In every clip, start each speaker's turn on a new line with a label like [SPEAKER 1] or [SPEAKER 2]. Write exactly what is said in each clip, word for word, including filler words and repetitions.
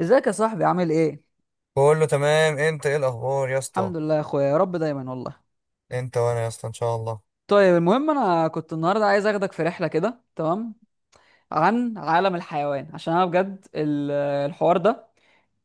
[SPEAKER 1] ازيك يا صاحبي، عامل ايه؟
[SPEAKER 2] كله تمام، انت ايه الاخبار يا اسطى؟
[SPEAKER 1] الحمد لله يا اخويا، يا رب دايما والله.
[SPEAKER 2] انت وانا يا اسطى ان شاء الله.
[SPEAKER 1] طيب، المهم انا كنت النهارده عايز اخدك في رحله كده، تمام؟ عن عالم الحيوان، عشان انا بجد ال- الحوار ده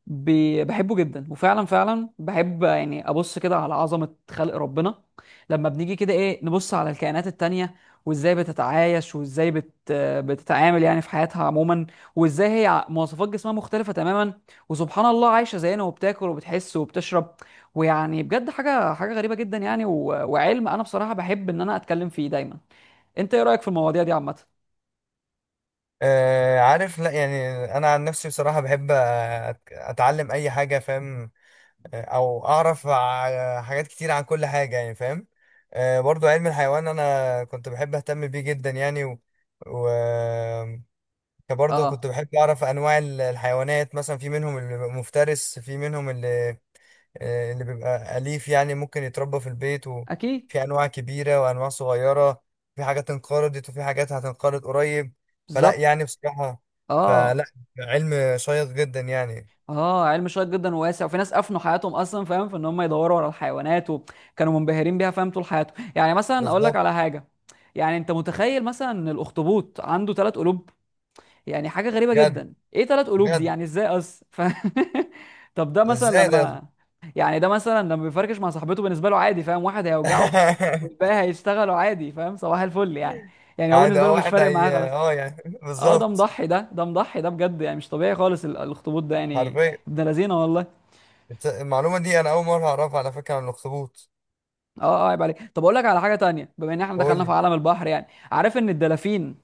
[SPEAKER 1] ب- بحبه جدا، وفعلا فعلا بحب يعني ابص كده على عظمة خلق ربنا. لما بنيجي كده، ايه، نبص على الكائنات التانية، وازاي بتتعايش وازاي بت بتتعامل يعني في حياتها عموما. وازاي هي ع- مواصفات جسمها مختلفة تماما، وسبحان الله عايشة زينا وبتاكل وبتحس وبتشرب، ويعني بجد حاجة حاجة غريبة جدا يعني و... وعلم انا بصراحة بحب ان انا اتكلم فيه دايما. انت ايه رأيك في المواضيع دي عامة؟
[SPEAKER 2] آه عارف لا يعني انا عن نفسي بصراحه بحب أت- اتعلم اي حاجه، فاهم؟ آه، او اعرف ع- حاجات كتير عن كل حاجه يعني، فاهم؟ آه، برضو علم الحيوان انا كنت بحب اهتم بيه جدا يعني، و, و... برضه كنت
[SPEAKER 1] اه.
[SPEAKER 2] بحب اعرف انواع ال- الحيوانات، مثلا في منهم المفترس، في منهم آه، اللي بيبقى أليف يعني ممكن يتربى في البيت،
[SPEAKER 1] اكيد.
[SPEAKER 2] وفي أنواع كبيرة وأنواع صغيرة. في حاجات انقرضت، وفي حاجات هتنقرض قريب. فلا
[SPEAKER 1] بالظبط.
[SPEAKER 2] يعني بصراحة، فلا،
[SPEAKER 1] اه،
[SPEAKER 2] علم شيق جدا يعني.
[SPEAKER 1] اه، علم شيق جدا وواسع، وفي ناس افنوا حياتهم اصلا، فاهم؟ في ان هم يدوروا على الحيوانات، وكانوا منبهرين بيها فاهم طول حياتهم. يعني مثلا اقول لك
[SPEAKER 2] بالظبط.
[SPEAKER 1] على حاجه. يعني انت متخيل مثلا ان الاخطبوط عنده ثلاث قلوب؟ يعني حاجه غريبه
[SPEAKER 2] بجد؟
[SPEAKER 1] جدا، ايه ثلاث قلوب دي؟
[SPEAKER 2] بجد؟
[SPEAKER 1] يعني ازاي اصلا؟ ف... طب ده مثلا
[SPEAKER 2] ازاي ده؟
[SPEAKER 1] لما يعني ده مثلا لما بيفركش مع صاحبته، بالنسبه له عادي، فاهم؟ واحد هيوجعه والباقي هيشتغلوا عادي، فاهم؟ صباح الفل يعني. يعني هو
[SPEAKER 2] عادي،
[SPEAKER 1] بالنسبه
[SPEAKER 2] اه،
[SPEAKER 1] له مش
[SPEAKER 2] واحد
[SPEAKER 1] فارق معاه خلاص.
[SPEAKER 2] هي اه يعني.
[SPEAKER 1] اه، ده
[SPEAKER 2] بالظبط.
[SPEAKER 1] مضحي ده ده مضحي ده بجد، يعني مش طبيعي خالص ال- الاخطبوط ده يعني.
[SPEAKER 2] حرفيا.
[SPEAKER 1] ابن لذينه والله.
[SPEAKER 2] الت- المعلومة دي أنا أول مرة أعرفها على فكرة، عن الأخطبوط.
[SPEAKER 1] اه، اه، عيب عليك. طب اقول لك على حاجه تانية، بما ان احنا
[SPEAKER 2] قول
[SPEAKER 1] دخلنا في
[SPEAKER 2] لي.
[SPEAKER 1] عالم البحر يعني. عارف ان الدلافين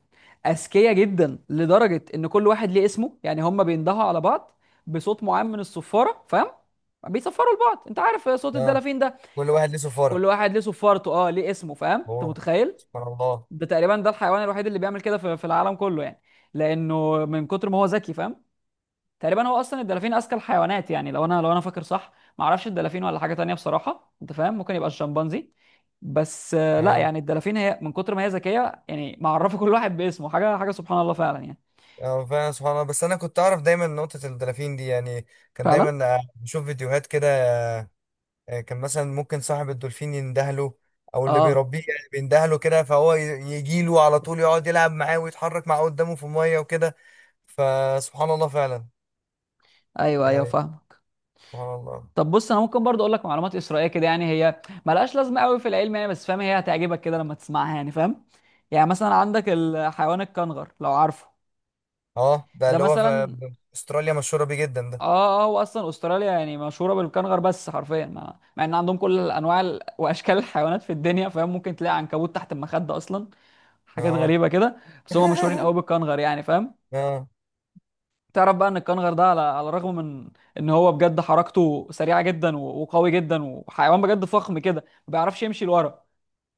[SPEAKER 1] اذكياء جدا، لدرجه ان كل واحد ليه اسمه، يعني هم بيندهوا على بعض بصوت معين من الصفاره، فاهم؟ بيصفروا لبعض، انت عارف صوت
[SPEAKER 2] اه.
[SPEAKER 1] الدلافين ده.
[SPEAKER 2] كل واحد ليه
[SPEAKER 1] كل
[SPEAKER 2] سفارة؟
[SPEAKER 1] واحد ليه صفارته، اه، ليه اسمه، فاهم؟ انت
[SPEAKER 2] اوه.
[SPEAKER 1] متخيل؟
[SPEAKER 2] سبحان الله.
[SPEAKER 1] ده تقريبا ده الحيوان الوحيد اللي بيعمل كده في في العالم كله يعني. لانه من كتر ما هو ذكي، فاهم؟ تقريبا هو اصلا الدلافين اذكى الحيوانات، يعني لو انا لو انا فاكر صح. ما اعرفش الدلافين ولا حاجه تانية بصراحه، انت فاهم، ممكن يبقى الشمبانزي. بس آه، لا
[SPEAKER 2] اه.
[SPEAKER 1] يعني، الدلافين هي من كتر ما هي ذكيه، يعني معرفه كل واحد باسمه، حاجه حاجه، سبحان الله فعلا يعني.
[SPEAKER 2] اه، فعلا سبحان الله. بس انا كنت اعرف دايما نقطة الدلافين دي يعني. كان
[SPEAKER 1] فعلا.
[SPEAKER 2] دايما آه، بشوف فيديوهات كده. آه، كان مثلا ممكن صاحب الدولفين يندهله، او اللي
[SPEAKER 1] اه.
[SPEAKER 2] بيربيه يعني بيندهله كده، فهو يجي له على طول، يقعد يلعب معاه ويتحرك معاه قدامه في المية وكده. فسبحان الله فعلا
[SPEAKER 1] ايوه، ايوه،
[SPEAKER 2] يعني.
[SPEAKER 1] فاهمك.
[SPEAKER 2] سبحان الله.
[SPEAKER 1] طب بص، انا ممكن برضو اقول لك معلومات اسرائيليه كده، يعني هي ملهاش لازمه قوي في العلم يعني، بس فاهم هي هتعجبك كده لما تسمعها يعني، فاهم؟ يعني مثلا عندك الحيوان الكنغر، لو عارفه.
[SPEAKER 2] اه، ده
[SPEAKER 1] ده
[SPEAKER 2] اللي هو في
[SPEAKER 1] مثلا.
[SPEAKER 2] استراليا، مشهورة بيه جدا
[SPEAKER 1] اه،
[SPEAKER 2] ده.
[SPEAKER 1] اه، هو اصلا استراليا يعني مشهوره بالكنغر، بس حرفيا مع, مع ان عندهم كل الانواع ال- واشكال الحيوانات في الدنيا، فاهم؟ ممكن تلاقي عنكبوت تحت المخده اصلا. حاجات
[SPEAKER 2] اه.
[SPEAKER 1] غريبه كده. بس هم مشهورين قوي بالكنغر، يعني فاهم؟
[SPEAKER 2] اه.
[SPEAKER 1] تعرف بقى ان الكنغر ده، على على الرغم من ان هو بجد حركته سريعه جدا و- وقوي جدا وحيوان بجد فخم كده، ما بيعرفش يمشي لورا.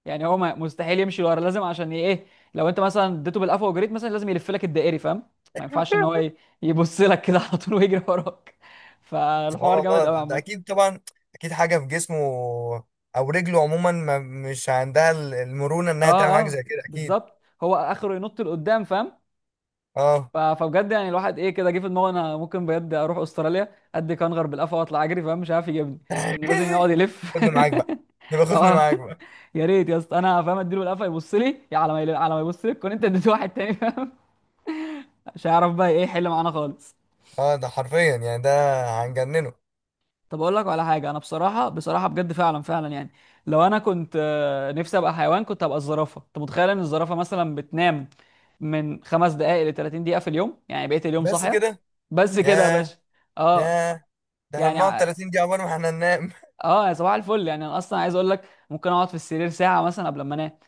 [SPEAKER 1] يعني هو ما- مستحيل يمشي ورا، لازم عشان ي- ايه، لو انت مثلا اديته بالقفا وجريت مثلا لازم يلف لك الدائري، فاهم؟ ما ينفعش ان هو ي- يبص لك كده على طول ويجري وراك.
[SPEAKER 2] سبحان
[SPEAKER 1] فالحوار جامد
[SPEAKER 2] الله،
[SPEAKER 1] قوي
[SPEAKER 2] ده
[SPEAKER 1] عامه.
[SPEAKER 2] اكيد طبعا. اكيد حاجه في جسمه او رجله عموما، ما مش عندها ال- المرونه انها تعمل
[SPEAKER 1] اه،
[SPEAKER 2] حاجه
[SPEAKER 1] اه،
[SPEAKER 2] زي كده اكيد.
[SPEAKER 1] بالظبط. هو اخره ينط لقدام، فاهم؟
[SPEAKER 2] اه.
[SPEAKER 1] ف- فبجد، يعني الواحد ايه، كده جه في دماغه انا ممكن بجد اروح استراليا ادي كنغر بالقفا واطلع اجري، فاهم؟ مش عارف يجيبني، لانه لازم يقعد يلف.
[SPEAKER 2] خدني معاك بقى. يبقى خدني
[SPEAKER 1] اه،
[SPEAKER 2] معاك بقى.
[SPEAKER 1] يا ريت يا اسطى، انا فاهم اديله بالقفا يبص لي، يا على ما يل- على ما يبص لك كنت انت اديت واحد تاني، فاهم؟ مش هيعرف بقى ايه يحل معانا خالص.
[SPEAKER 2] اه ده حرفيا يعني، ده هنجننه.
[SPEAKER 1] طب اقول لك على حاجه، انا بصراحه بصراحه بجد فعلا فعلا يعني، لو انا كنت آه، نفسي ابقى حيوان كنت ابقى الزرافه. انت متخيل ان الزرافه مثلا بتنام من خمس دقائق ل 30 دقيقه في اليوم؟ يعني بقيت اليوم
[SPEAKER 2] بس
[SPEAKER 1] صاحيه.
[SPEAKER 2] كده؟
[SPEAKER 1] بس كده يا
[SPEAKER 2] ياه.
[SPEAKER 1] باشا. اه،
[SPEAKER 2] ياه. ده احنا
[SPEAKER 1] يعني
[SPEAKER 2] بنقعد
[SPEAKER 1] ع-
[SPEAKER 2] ثلاثين دقيقه عقبال ما احنا ننام.
[SPEAKER 1] اه، يا صباح الفل يعني. انا اصلا عايز اقول لك، ممكن اقعد في السرير ساعه مثلا قبل ما انام.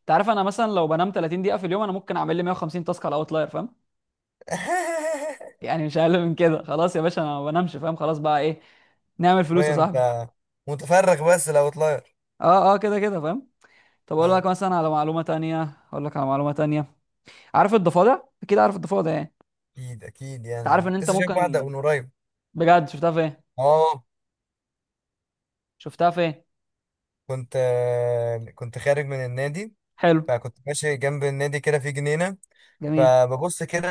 [SPEAKER 1] انت عارف انا مثلا لو بنام ثلاثين دقيقه في اليوم، انا ممكن اعمل لي مية وخمسين تاسك على اوتلاير، فاهم؟ يعني مش اقل من كده. خلاص يا باشا، انا ما بنامش، فاهم؟ خلاص بقى، ايه، نعمل فلوس يا
[SPEAKER 2] حرفيا
[SPEAKER 1] صاحبي.
[SPEAKER 2] انت متفرغ بس لو طلاير.
[SPEAKER 1] اه، اه، كده كده، فاهم؟ طب اقول
[SPEAKER 2] اه.
[SPEAKER 1] لك مثلا على معلومه تانية، اقول لك على معلومه تانية. عارف الضفادع؟ اكيد عارف الضفادع يعني.
[SPEAKER 2] اكيد اكيد،
[SPEAKER 1] انت عارف
[SPEAKER 2] يعني
[SPEAKER 1] ان انت
[SPEAKER 2] لسه شايف واحده
[SPEAKER 1] ممكن،
[SPEAKER 2] من قريب.
[SPEAKER 1] بجد شفتها فين
[SPEAKER 2] اه.
[SPEAKER 1] شفتها فين
[SPEAKER 2] كنت كنت خارج من النادي.
[SPEAKER 1] حلو.
[SPEAKER 2] فكنت ماشي جنب النادي كده، في جنينة.
[SPEAKER 1] جميل.
[SPEAKER 2] فببص كده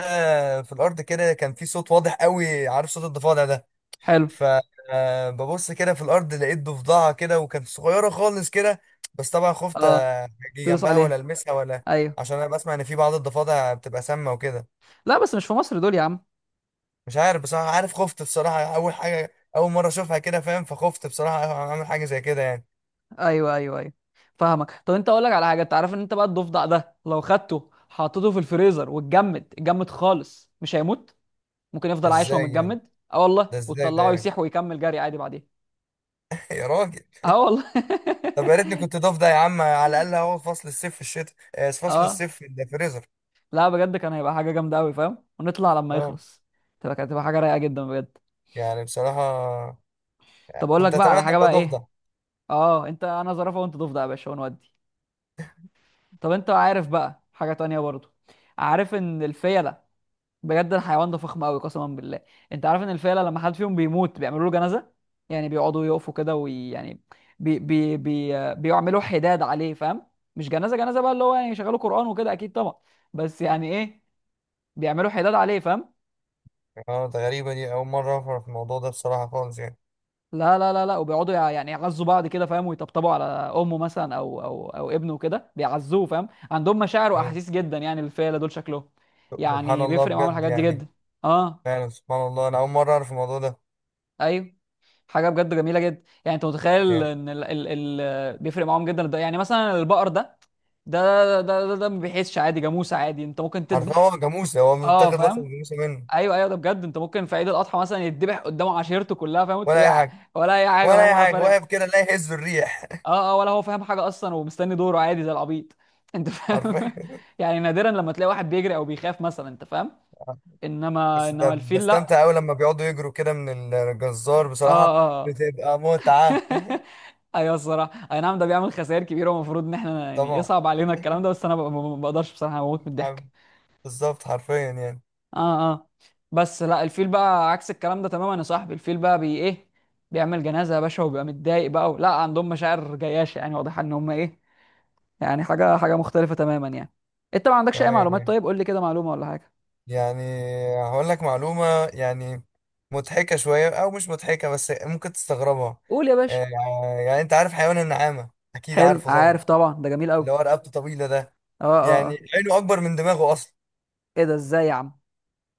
[SPEAKER 2] في الأرض، كده كان في صوت واضح قوي، عارف صوت الضفادع ده.
[SPEAKER 1] حلو.
[SPEAKER 2] فببص كده في الأرض، لقيت ضفدعة كده، وكانت صغيرة خالص كده. بس طبعا خفت
[SPEAKER 1] اه،
[SPEAKER 2] أجي
[SPEAKER 1] تدوس
[SPEAKER 2] جنبها ولا
[SPEAKER 1] عليها.
[SPEAKER 2] ألمسها ولا.
[SPEAKER 1] ايوه.
[SPEAKER 2] عشان أنا بسمع إن في بعض الضفادع بتبقى سامة وكده.
[SPEAKER 1] لا، بس مش في مصر دول يا عم.
[SPEAKER 2] مش عارف بصراحة، عارف خفت بصراحة، أول حاجة أول مرة أشوفها كده، فاهم؟ فخفت بصراحة أعمل حاجة زي كده يعني.
[SPEAKER 1] ايوه، ايوه، ايوه، فاهمك. طب انت، اقول لك على حاجه، انت عارف ان انت بقى، الضفدع ده لو خدته حطيته في الفريزر واتجمد اتجمد خالص مش هيموت. ممكن يفضل عايش وهو
[SPEAKER 2] إزاي يعني؟
[SPEAKER 1] متجمد، اه والله،
[SPEAKER 2] ده إزاي ده
[SPEAKER 1] وتطلعه
[SPEAKER 2] يعني؟
[SPEAKER 1] يسيح ويكمل جري عادي بعدين.
[SPEAKER 2] يا راجل.
[SPEAKER 1] اه والله.
[SPEAKER 2] طب يا ريتني كنت ضاف ده يا عم، على الاقل اهو فصل الصيف في الشتاء، آه، فصل
[SPEAKER 1] اه،
[SPEAKER 2] الصيف في الفريزر.
[SPEAKER 1] لا بجد كان هيبقى حاجه جامده قوي، فاهم؟ ونطلع لما
[SPEAKER 2] اه.
[SPEAKER 1] يخلص، تبقى كانت تبقى حاجه رايقه جدا بجد.
[SPEAKER 2] يعني بصراحه
[SPEAKER 1] طب اقول لك
[SPEAKER 2] كنت
[SPEAKER 1] بقى على
[SPEAKER 2] اتمنى
[SPEAKER 1] حاجه
[SPEAKER 2] ابقى
[SPEAKER 1] بقى،
[SPEAKER 2] ضاف
[SPEAKER 1] ايه؟
[SPEAKER 2] ده.
[SPEAKER 1] اه، انت انا زرافه وانت ضفدع يا باشا، ونودي. طب انت عارف بقى حاجه تانية برضو، عارف ان الفيله، بجد الحيوان ده فخم قوي قسما بالله. انت عارف ان الفيله لما حد فيهم بيموت بيعملوا له جنازه. يعني بيقعدوا يقفوا كده ويعني بي بي بي بيعملوا حداد عليه، فاهم؟ مش جنازه جنازه بقى اللي هو يعني يشغلوا قران وكده، اكيد طبعا. بس يعني ايه، بيعملوا حداد عليه، فاهم؟
[SPEAKER 2] اه، ده غريبه دي، اول مره اعرف الموضوع ده بصراحه خالص يعني.
[SPEAKER 1] لا، لا، لا، لا، وبيقعدوا يع- يعني يعزوا بعض كده، فاهم؟ ويطبطبوا على امه مثلا، او او او ابنه كده بيعزوه، فاهم؟ عندهم مشاعر
[SPEAKER 2] آه.
[SPEAKER 1] واحاسيس جدا يعني، الفيله دول شكلهم
[SPEAKER 2] سبحان
[SPEAKER 1] يعني
[SPEAKER 2] الله
[SPEAKER 1] بيفرق معاهم
[SPEAKER 2] بجد
[SPEAKER 1] الحاجات دي
[SPEAKER 2] يعني.
[SPEAKER 1] جدا. اه.
[SPEAKER 2] فعلا سبحان الله، انا اول مره اعرف الموضوع ده.
[SPEAKER 1] ايوه. حاجه بجد جميله جدا يعني. انت متخيل
[SPEAKER 2] يعني
[SPEAKER 1] ان ال ال ال بيفرق معاهم جدا الد- يعني مثلا البقر ده، ده، ده ده, ده ما بيحسش عادي، جاموسه عادي، انت ممكن
[SPEAKER 2] حرفيا
[SPEAKER 1] تذبح.
[SPEAKER 2] هو جاموسه، هو
[SPEAKER 1] اه،
[SPEAKER 2] متاخد لقب
[SPEAKER 1] فاهم؟
[SPEAKER 2] جاموسه منه.
[SPEAKER 1] ايوه، ايوه، ده بجد، انت ممكن في عيد الاضحى مثلا يتذبح قدامه عشيرته كلها، فاهم؟
[SPEAKER 2] ولا اي
[SPEAKER 1] وتلاقيه
[SPEAKER 2] حاجه.
[SPEAKER 1] ولا اي حاجه، فاهم؟
[SPEAKER 2] ولا اي
[SPEAKER 1] ولا
[SPEAKER 2] حاجه،
[SPEAKER 1] فارق.
[SPEAKER 2] واقف كده لا يهز الريح.
[SPEAKER 1] اه، اه، ولا هو فاهم حاجه اصلا، ومستني دوره عادي زي العبيط، انت فاهم؟
[SPEAKER 2] حرفيا.
[SPEAKER 1] يعني نادرا لما تلاقي واحد بيجري او بيخاف مثلا، انت فاهم؟ انما
[SPEAKER 2] بس ده
[SPEAKER 1] انما الفيل لا.
[SPEAKER 2] بستمتع قوي لما بيقعدوا يجروا كده من الجزار بصراحه.
[SPEAKER 1] اه، اه.
[SPEAKER 2] بتبقى متعه.
[SPEAKER 1] ايوه الصراحه، اي نعم، ده بيعمل خسائر كبيره، والمفروض ان احنا يعني
[SPEAKER 2] طبعا.
[SPEAKER 1] يصعب علينا الكلام ده، بس انا ب- ما بقدرش بصراحه، اموت من الضحك.
[SPEAKER 2] بالظبط حرفيا يعني.
[SPEAKER 1] اه، اه. بس لا، الفيل بقى عكس الكلام ده تماما يا صاحبي. الفيل بقى بي ايه، بيعمل جنازه يا باشا، وبيبقى متضايق بقى. لا، عندهم مشاعر جياشه، يعني واضحه ان هم ايه، يعني حاجه حاجه مختلفه تماما يعني. انت ما عندكش اي
[SPEAKER 2] اه
[SPEAKER 1] معلومات؟
[SPEAKER 2] يعني،
[SPEAKER 1] طيب قول لي كده معلومه ولا حاجه.
[SPEAKER 2] يعني هقول لك معلومة، يعني مضحكة شوية أو مش مضحكة، بس ممكن تستغربها.
[SPEAKER 1] قول يا باشا.
[SPEAKER 2] آه. يعني أنت عارف حيوان النعامة، أكيد
[SPEAKER 1] حلو،
[SPEAKER 2] عارفه طبعا،
[SPEAKER 1] عارف طبعا، ده جميل
[SPEAKER 2] اللي
[SPEAKER 1] قوي.
[SPEAKER 2] هو رقبته طويلة ده.
[SPEAKER 1] اه، اه،
[SPEAKER 2] يعني
[SPEAKER 1] اه.
[SPEAKER 2] عينه أكبر من دماغه أصلا.
[SPEAKER 1] ايه ده؟ ازاي يا عم؟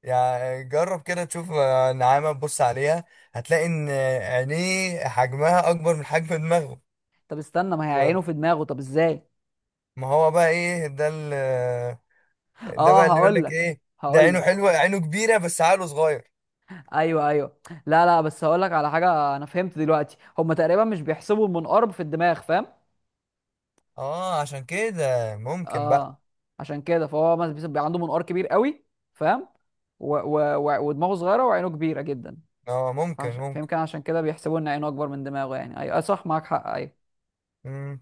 [SPEAKER 2] يعني جرب كده تشوف آه، نعامة تبص عليها، هتلاقي إن عينيه حجمها أكبر من حجم دماغه.
[SPEAKER 1] طب استنى، ما هي
[SPEAKER 2] و-
[SPEAKER 1] عينه في دماغه، طب ازاي؟
[SPEAKER 2] ما هو بقى إيه ده ال- ده بقى
[SPEAKER 1] اه
[SPEAKER 2] اللي يقول
[SPEAKER 1] هقول
[SPEAKER 2] لك
[SPEAKER 1] لك
[SPEAKER 2] إيه. ده
[SPEAKER 1] هقول
[SPEAKER 2] عينه
[SPEAKER 1] لك
[SPEAKER 2] حلوة، عينه كبيرة بس عقله صغير.
[SPEAKER 1] ايوه، ايوه. لا، لا، بس هقول لك على حاجه، انا فهمت دلوقتي هم تقريبا مش بيحسبوا المنقار في الدماغ، فاهم؟
[SPEAKER 2] اه عشان كده ممكن بقى.
[SPEAKER 1] اه، عشان كده فهو مثلا بيبقى عنده منقار كبير قوي، فاهم؟ و... و... و... ودماغه صغيره وعينه كبيره جدا.
[SPEAKER 2] اه ممكن
[SPEAKER 1] فعش...
[SPEAKER 2] ممكن.
[SPEAKER 1] فيمكن عشان كده بيحسبوا ان عينه اكبر من دماغه. يعني ايوه، أيوة، صح، معاك حق، ايوه.
[SPEAKER 2] مم.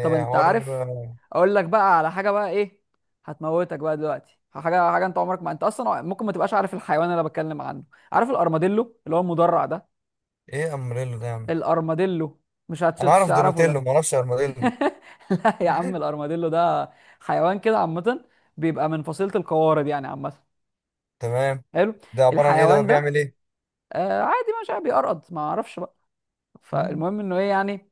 [SPEAKER 1] طب انت
[SPEAKER 2] حوار.
[SPEAKER 1] عارف، اقول لك بقى على حاجه بقى ايه، هتموتك بقى دلوقتي. حاجه حاجه، انت عمرك ما، انت اصلا ممكن ما تبقاش عارف الحيوان اللي أنا بتكلم عنه. عارف الارماديلو، اللي هو المدرع ده؟
[SPEAKER 2] ايه امريلو ده يا عم؟
[SPEAKER 1] الارماديلو، مش هت-
[SPEAKER 2] انا
[SPEAKER 1] مش
[SPEAKER 2] اعرف
[SPEAKER 1] هتعرفه
[SPEAKER 2] دوناتيلو،
[SPEAKER 1] ده.
[SPEAKER 2] ما اعرفش ارماديلو.
[SPEAKER 1] لا يا عم، الارماديلو ده حيوان كده عامه، بيبقى من فصيله القوارض يعني عامه.
[SPEAKER 2] تمام.
[SPEAKER 1] حلو.
[SPEAKER 2] ده عباره عن ايه ده
[SPEAKER 1] الحيوان
[SPEAKER 2] بقى؟
[SPEAKER 1] ده،
[SPEAKER 2] بيعمل ايه؟
[SPEAKER 1] آه، عادي، مش عارف، بيقرقض، ما اعرفش بقى. فالمهم انه ايه يعني،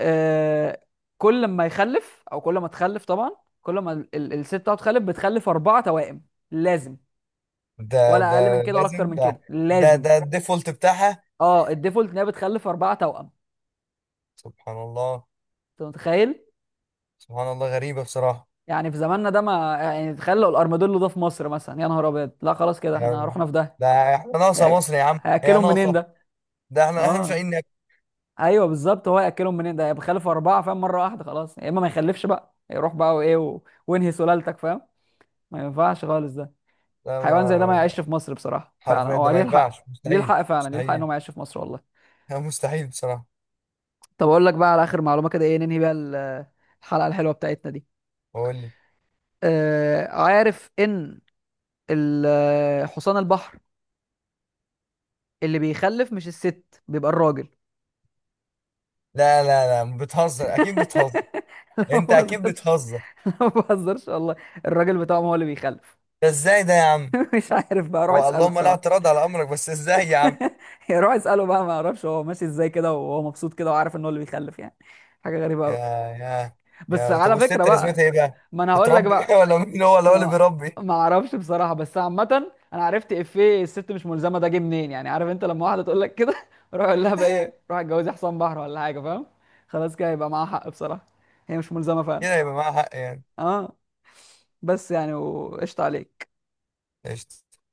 [SPEAKER 1] آه، كل ما يخلف، او كل ما تخلف طبعا، كل ما ال- ال- الست بتاعته تخلف بتخلف اربعه توائم، لازم.
[SPEAKER 2] ده
[SPEAKER 1] ولا
[SPEAKER 2] ده
[SPEAKER 1] اقل من كده ولا
[SPEAKER 2] لازم
[SPEAKER 1] اكتر من
[SPEAKER 2] ده؟
[SPEAKER 1] كده،
[SPEAKER 2] ده
[SPEAKER 1] لازم.
[SPEAKER 2] ده الديفولت بتاعها؟
[SPEAKER 1] اه، الديفولت ان هي بتخلف اربعه توأم.
[SPEAKER 2] سبحان الله.
[SPEAKER 1] انت متخيل؟
[SPEAKER 2] سبحان الله، غريبه بصراحه.
[SPEAKER 1] يعني في زماننا ده، ما يعني تخيلوا الارماديلو ده في مصر مثلا، يا نهار ابيض، لا خلاص كده احنا
[SPEAKER 2] يعني
[SPEAKER 1] رحنا في ده.
[SPEAKER 2] ده احنا ناقصه
[SPEAKER 1] يعني
[SPEAKER 2] مصر يا عم، هي
[SPEAKER 1] هياكلهم منين
[SPEAKER 2] ناقصه؟
[SPEAKER 1] ده؟
[SPEAKER 2] ده احنا احنا مش
[SPEAKER 1] اه،
[SPEAKER 2] لاقيين ناكل.
[SPEAKER 1] ايوه بالظبط، هو هياكلهم منين ده بيخلف اربعه، فاهم؟ مره واحده. خلاص يا اما ما يخلفش بقى، يروح بقى، وايه و... وانهي سلالتك، فاهم؟ ما ينفعش خالص ده.
[SPEAKER 2] ده
[SPEAKER 1] حيوان زي ده ما
[SPEAKER 2] ما،
[SPEAKER 1] يعيش في مصر بصراحه، فعلا
[SPEAKER 2] حرفيا ده
[SPEAKER 1] هو
[SPEAKER 2] ما
[SPEAKER 1] ليه الحق،
[SPEAKER 2] ينفعش،
[SPEAKER 1] ليه
[SPEAKER 2] مستحيل
[SPEAKER 1] الحق، فعلا ليه الحق ان
[SPEAKER 2] مستحيل.
[SPEAKER 1] هو ما يعيش في مصر والله.
[SPEAKER 2] مستحيل بصراحه.
[SPEAKER 1] طب اقول لك بقى على اخر معلومه كده، ايه، ننهي بيها ال- الحلقه الحلوه بتاعتنا دي.
[SPEAKER 2] بقول لك،
[SPEAKER 1] آه، عارف ان ال- آه، حصان البحر اللي بيخلف مش الست، بيبقى الراجل.
[SPEAKER 2] لا لا لا، بتهزر اكيد، بتهزر.
[SPEAKER 1] لا ما
[SPEAKER 2] انت اكيد
[SPEAKER 1] بهزرش.
[SPEAKER 2] بتهزر.
[SPEAKER 1] لا، ما بهزرش والله. الراجل بتاعهم هو اللي بيخلف.
[SPEAKER 2] ده ازاي ده يا عم؟
[SPEAKER 1] مش عارف بقى، روح
[SPEAKER 2] هو
[SPEAKER 1] اساله
[SPEAKER 2] اللهم لا
[SPEAKER 1] بصراحه.
[SPEAKER 2] اعتراض على امرك، بس ازاي يا عم؟
[SPEAKER 1] يا، روح اساله بقى، ما اعرفش هو ماشي ازاي كده وهو مبسوط كده، وعارف ان هو اللي بيخلف يعني. حاجه غريبه
[SPEAKER 2] يا،
[SPEAKER 1] قوي.
[SPEAKER 2] يا،
[SPEAKER 1] بس
[SPEAKER 2] يا طب
[SPEAKER 1] على فكره
[SPEAKER 2] والست لازمتها
[SPEAKER 1] بقى،
[SPEAKER 2] ايه بقى؟
[SPEAKER 1] ما انا هقول لك
[SPEAKER 2] بتربي بقى،
[SPEAKER 1] بقى،
[SPEAKER 2] ولا مين هو اللي، هو اللي
[SPEAKER 1] انا
[SPEAKER 2] بيربي؟
[SPEAKER 1] ما اعرفش بصراحه، بس عامه انا عرفت افيه، الست مش ملزمه، ده جه منين؟ يعني عارف انت لما واحده تقول لك كده، روح اقول لها بقى ايه، روح اتجوزي حصان بحر ولا حاجه، فاهم؟ خلاص كده يبقى معاها حق بصراحه. هي مش ملزمه فعلا.
[SPEAKER 2] كده يبقى معاها حق يعني.
[SPEAKER 1] اه. بس يعني وقشطه عليك.
[SPEAKER 2] قشطة.